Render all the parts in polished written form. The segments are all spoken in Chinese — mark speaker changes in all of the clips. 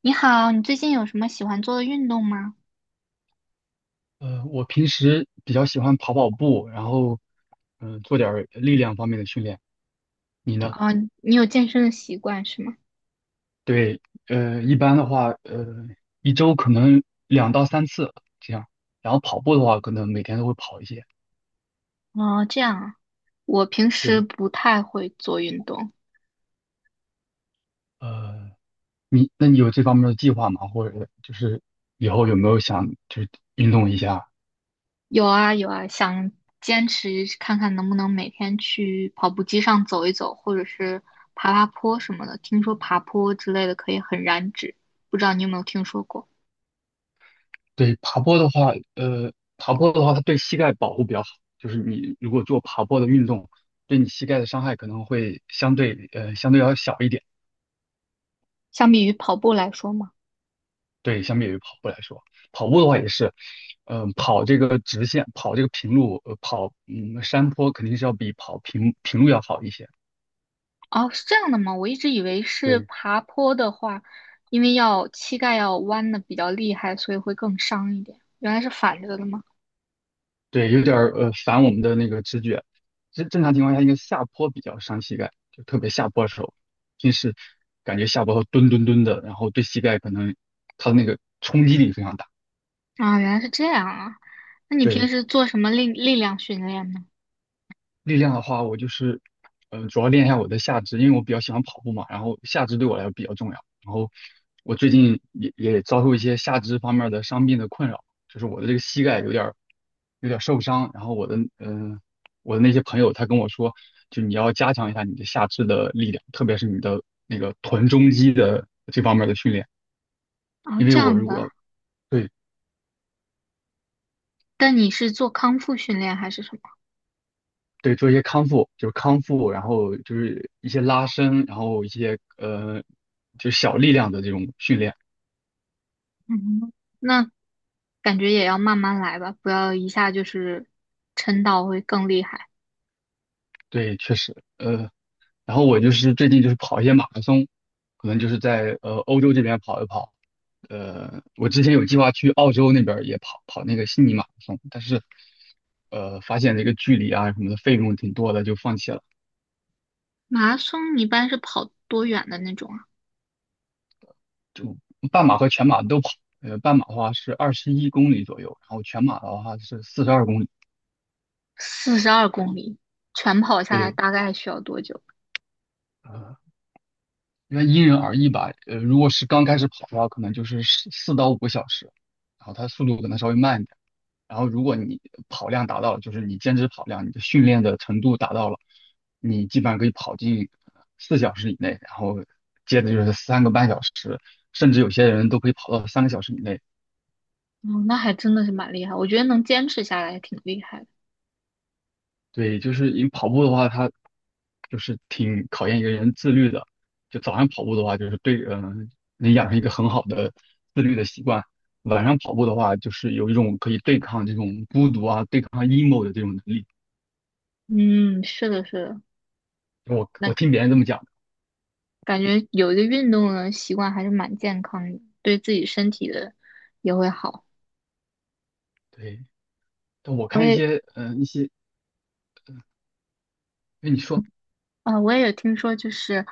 Speaker 1: 你好，你最近有什么喜欢做的运动吗？
Speaker 2: 我平时比较喜欢跑跑步，然后，做点儿力量方面的训练。你呢？
Speaker 1: 哦，你有健身的习惯是吗？
Speaker 2: 对，一般的话，一周可能2到3次这样。然后跑步的话，可能每天都会跑一些。
Speaker 1: 哦，这样啊，我平时
Speaker 2: 对，
Speaker 1: 不太会做运动。
Speaker 2: 呃，那你有这方面的计划吗？或者就是以后有没有想就是运动一下？
Speaker 1: 有啊有啊，想坚持看看能不能每天去跑步机上走一走，或者是爬爬坡什么的。听说爬坡之类的可以很燃脂，不知道你有没有听说过？
Speaker 2: 对，爬坡的话，它对膝盖保护比较好。就是你如果做爬坡的运动，对你膝盖的伤害可能会相对要小一点。
Speaker 1: 相比于跑步来说嘛。
Speaker 2: 对，相比于跑步来说，跑步的话也是，跑这个直线，跑这个平路，跑山坡肯定是要比跑平路要好一些。
Speaker 1: 哦，是这样的吗？我一直以为是
Speaker 2: 对，
Speaker 1: 爬坡的话，因为要膝盖要弯的比较厉害，所以会更伤一点。原来是反着的吗？
Speaker 2: 对，有点儿反我们的那个直觉。正常情况下，应该下坡比较伤膝盖，就特别下坡的时候，平时感觉下坡后蹲蹲蹲的，然后对膝盖可能它的那个冲击力非常大。
Speaker 1: 啊，原来是这样啊。那你
Speaker 2: 对，
Speaker 1: 平时做什么力量训练呢？
Speaker 2: 力量的话，我就是，主要练一下我的下肢，因为我比较喜欢跑步嘛，然后下肢对我来说比较重要。然后我最近也遭受一些下肢方面的伤病的困扰，就是我的这个膝盖有点儿受伤。然后我的那些朋友他跟我说，就你要加强一下你的下肢的力量，特别是你的那个臀中肌的这方面的训练，
Speaker 1: 哦，
Speaker 2: 因为
Speaker 1: 这
Speaker 2: 我
Speaker 1: 样
Speaker 2: 如
Speaker 1: 的。
Speaker 2: 果对。
Speaker 1: 但你是做康复训练还是什么？
Speaker 2: 对，做一些康复，就是康复，然后就是一些拉伸，然后一些就是小力量的这种训练。
Speaker 1: 嗯，那感觉也要慢慢来吧，不要一下就是撑到会更厉害。
Speaker 2: 对，确实，呃，然后我就是最近就是跑一些马拉松，可能就是在欧洲这边跑一跑。我之前有计划去澳洲那边儿也跑跑那个悉尼马拉松，但是发现这个距离啊什么的费用挺多的，就放弃了。
Speaker 1: 马拉松一般是跑多远的那种啊？
Speaker 2: 就半马和全马都跑，半马的话是21公里左右，然后全马的话是42公里。
Speaker 1: 42公里，全跑下来
Speaker 2: 对。
Speaker 1: 大概需要多久？
Speaker 2: 呃因为因人而异吧。如果是刚开始跑的话，可能就是四到五个小时，然后它速度可能稍微慢一点。然后如果你跑量达到了，就是你坚持跑量，你的训练的程度达到了，你基本上可以跑进4小时以内，然后接着就是3个半小时，甚至有些人都可以跑到3个小时以内。
Speaker 1: 哦，那还真的是蛮厉害，我觉得能坚持下来还挺厉害的。
Speaker 2: 对，就是因为跑步的话，它就是挺考验一个人自律的。就早上跑步的话，就是对，能养成一个很好的自律的习惯。晚上跑步的话，就是有一种可以对抗这种孤独啊、对抗 emo 的这种能力。
Speaker 1: 嗯，是的，是的，
Speaker 2: 我
Speaker 1: 那
Speaker 2: 我
Speaker 1: 感
Speaker 2: 听别人这么讲的。
Speaker 1: 感觉有一个运动的习惯还是蛮健康的，对自己身体的也会好。
Speaker 2: 对。但我
Speaker 1: 我
Speaker 2: 看一
Speaker 1: 也
Speaker 2: 些，一些，因为你说
Speaker 1: 我也有听说，就是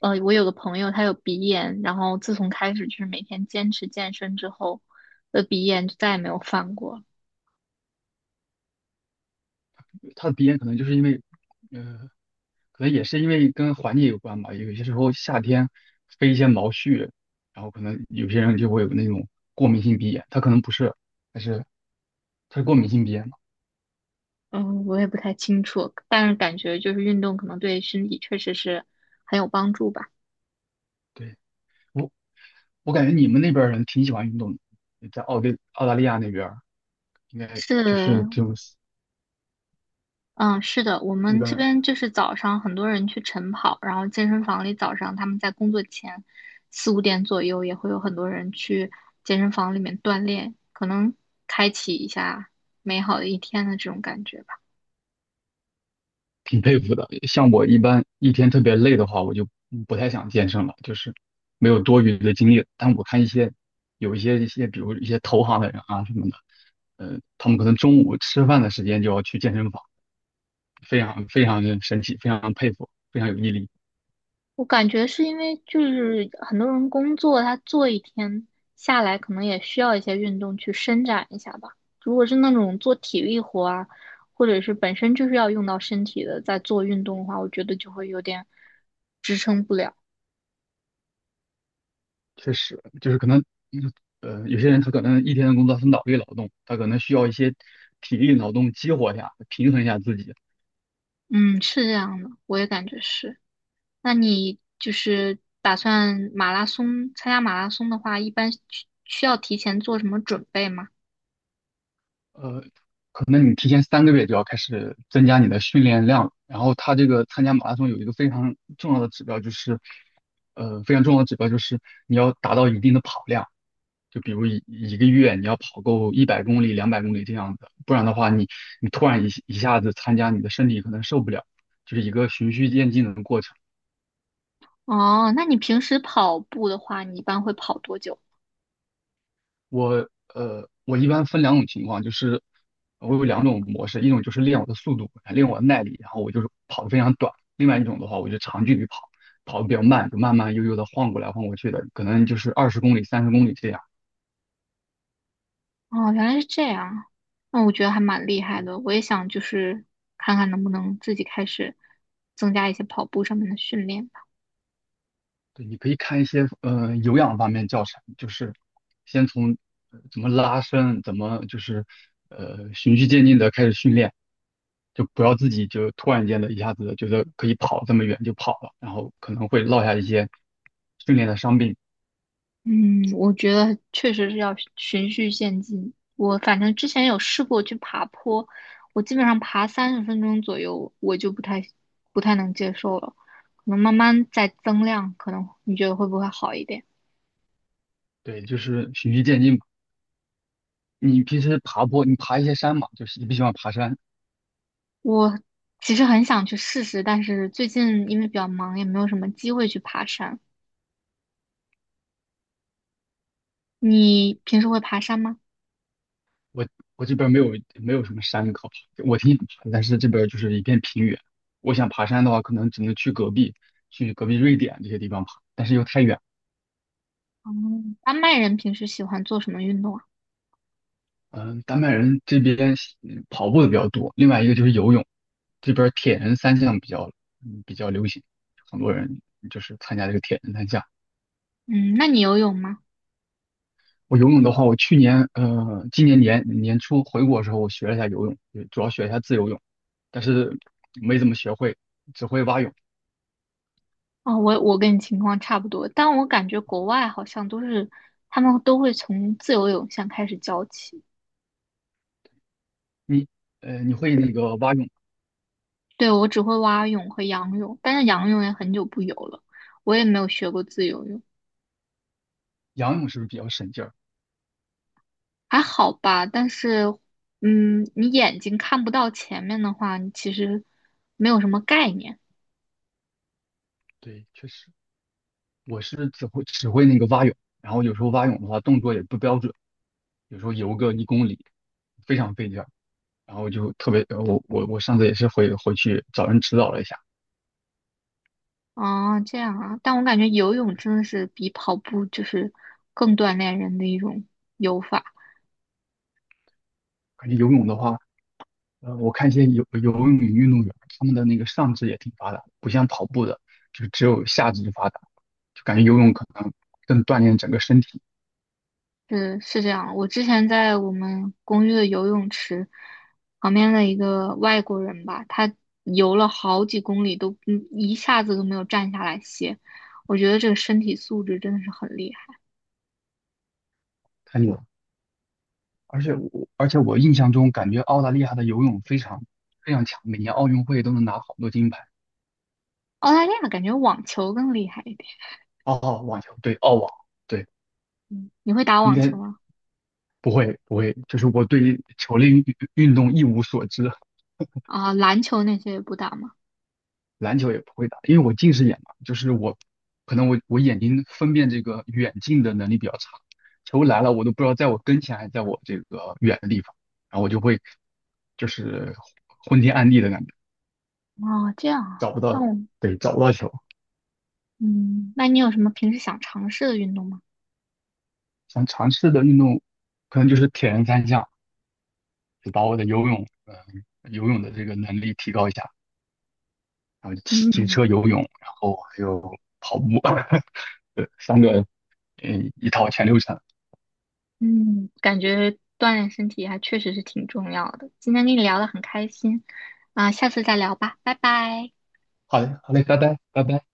Speaker 1: 我有个朋友他有鼻炎，然后自从开始就是每天坚持健身之后，的鼻炎就再也没有犯过。
Speaker 2: 他的鼻炎可能就是因为，呃，可能也是因为跟环境有关吧。有些时候夏天飞一些毛絮，然后可能有些人就会有那种过敏性鼻炎，他可能不是，但是他是过敏性鼻炎嘛。
Speaker 1: 嗯，我也不太清楚，但是感觉就是运动可能对身体确实是很有帮助吧。
Speaker 2: 对，我我感觉你们那边儿人挺喜欢运动的，在澳大利亚那边儿应该
Speaker 1: 是，
Speaker 2: 就是这种
Speaker 1: 嗯，是的，我
Speaker 2: 一
Speaker 1: 们这
Speaker 2: 般
Speaker 1: 边就是早上很多人去晨跑，然后健身房里早上他们在工作前四五点左右也会有很多人去健身房里面锻炼，可能开启一下美好的一天的这种感觉吧。
Speaker 2: 挺佩服的。像我一般一天特别累的话，我就不太想健身了，就是没有多余的精力。但我看一些，比如一些投行的人啊什么的，他们可能中午吃饭的时间就要去健身房，非常非常的神奇，非常佩服，非常有毅力。
Speaker 1: 我感觉是因为就是很多人工作，他做一天下来可能也需要一些运动去伸展一下吧。如果是那种做体力活啊，或者是本身就是要用到身体的，在做运动的话，我觉得就会有点支撑不了。
Speaker 2: 确实，就是可能，嗯有些人他可能一天的工作是脑力劳动，他可能需要一些体力劳动激活一下，平衡一下自己。
Speaker 1: 嗯，是这样的，我也感觉是。那你就是打算马拉松，参加马拉松的话，一般需要提前做什么准备吗？
Speaker 2: 呃，可能你提前3个月就要开始增加你的训练量了。然后他这个参加马拉松有一个非常重要的指标，就是，非常重要的指标就是你要达到一定的跑量，就比如一个月你要跑够100公里、200公里这样子，不然的话你突然一下子参加，你的身体可能受不了，就是一个循序渐进的过程。
Speaker 1: 哦，那你平时跑步的话，你一般会跑多久？
Speaker 2: 我我一般分两种情况，就是我有两种模式，一种就是练我的速度，练我的耐力，然后我就是跑得非常短；另外一种的话，我就长距离跑，跑得比较慢，就慢慢悠悠的晃过来晃过去的，可能就是20公里、30公里这样。
Speaker 1: 哦，原来是这样，那我觉得还蛮厉害的。我也想就是看看能不能自己开始增加一些跑步上面的训练。
Speaker 2: 对，你可以看一些有氧方面教程，就是先从怎么拉伸，怎么就是循序渐进的开始训练，就不要自己就突然间的一下子觉得可以跑这么远就跑了，然后可能会落下一些训练的伤病。
Speaker 1: 嗯，我觉得确实是要循序渐进。我反正之前有试过去爬坡，我基本上爬30分钟左右，我就不太能接受了。可能慢慢再增量，可能你觉得会不会好一点？
Speaker 2: 对，就是循序渐进嘛。你平时爬坡，你爬一些山嘛，就是你不喜欢爬山，
Speaker 1: 我其实很想去试试，但是最近因为比较忙，也没有什么机会去爬山。你平时会爬山吗？
Speaker 2: 我我这边没有什么山可爬，我挺想爬的，但是这边就是一片平原。我想爬山的话，可能只能去隔壁瑞典这些地方爬，但是又太远。
Speaker 1: 哦，丹麦人平时喜欢做什么运动啊？
Speaker 2: 嗯，丹麦人这边跑步的比较多，另外一个就是游泳，这边铁人三项比较流行，很多人就是参加这个铁人三项。
Speaker 1: 嗯，那你游泳吗？
Speaker 2: 我游泳的话，我今年年初回国的时候，我学了一下游泳，主要学一下自由泳，但是没怎么学会，只会蛙泳。
Speaker 1: 哦，我跟你情况差不多，但我感觉国外好像都是他们都会从自由泳先开始教起。
Speaker 2: 你你会那个蛙泳、
Speaker 1: 对，我只会蛙泳和仰泳，但是仰泳也很久不游了，我也没有学过自由泳，
Speaker 2: 仰泳是不是比较省劲儿？
Speaker 1: 还好吧。但是，嗯，你眼睛看不到前面的话，你其实没有什么概念。
Speaker 2: 对，确实，我是只会那个蛙泳，然后有时候蛙泳的话动作也不标准，有时候游个一公里非常费劲儿，然后就特别呃我上次也是回去找人指导了一下。
Speaker 1: 啊。这样啊，但我感觉游泳真的是比跑步就是更锻炼人的一种。游法。
Speaker 2: 感觉游泳的话，我看一些游泳运动员，他们的那个上肢也挺发达的，不像跑步的，就只有下肢发达，就感觉游泳可能更锻炼整个身体。
Speaker 1: 是这样，我之前在我们公寓的游泳池旁边的一个外国人吧，他游了好几公里都一下子都没有站下来歇，我觉得这个身体素质真的是很厉害。
Speaker 2: 太看了。而且我印象中感觉澳大利亚的游泳非常非常强，每年奥运会都能拿好多金牌。
Speaker 1: 澳大利亚感觉网球更厉害一点，
Speaker 2: 哦，网球，对，澳网，对，
Speaker 1: 嗯，你会打
Speaker 2: 应
Speaker 1: 网球
Speaker 2: 该
Speaker 1: 吗？
Speaker 2: 不会不会，就是我对球类运动一无所知，
Speaker 1: 啊，篮球那些也不打吗？
Speaker 2: 篮球也不会打，因为我近视眼嘛，就是我可能我眼睛分辨这个远近的能力比较差，球来了我都不知道在我跟前还是在我这个远的地方，然后我就会就是昏天暗地的感觉，
Speaker 1: 啊，这样啊，
Speaker 2: 找不
Speaker 1: 那我
Speaker 2: 到，对，找不到球。
Speaker 1: 嗯，那你有什么平时想尝试的运动吗？
Speaker 2: 想尝试的运动，可能就是铁人三项，就把我的游泳的这个能力提高一下，然后骑
Speaker 1: 嗯。
Speaker 2: 车、游泳，然后还有跑步，对，三个，一套全流程。
Speaker 1: 嗯，感觉锻炼身体还确实是挺重要的。今天跟你聊得很开心，啊，下次再聊吧，拜拜。
Speaker 2: 好嘞，好嘞，拜拜，拜拜。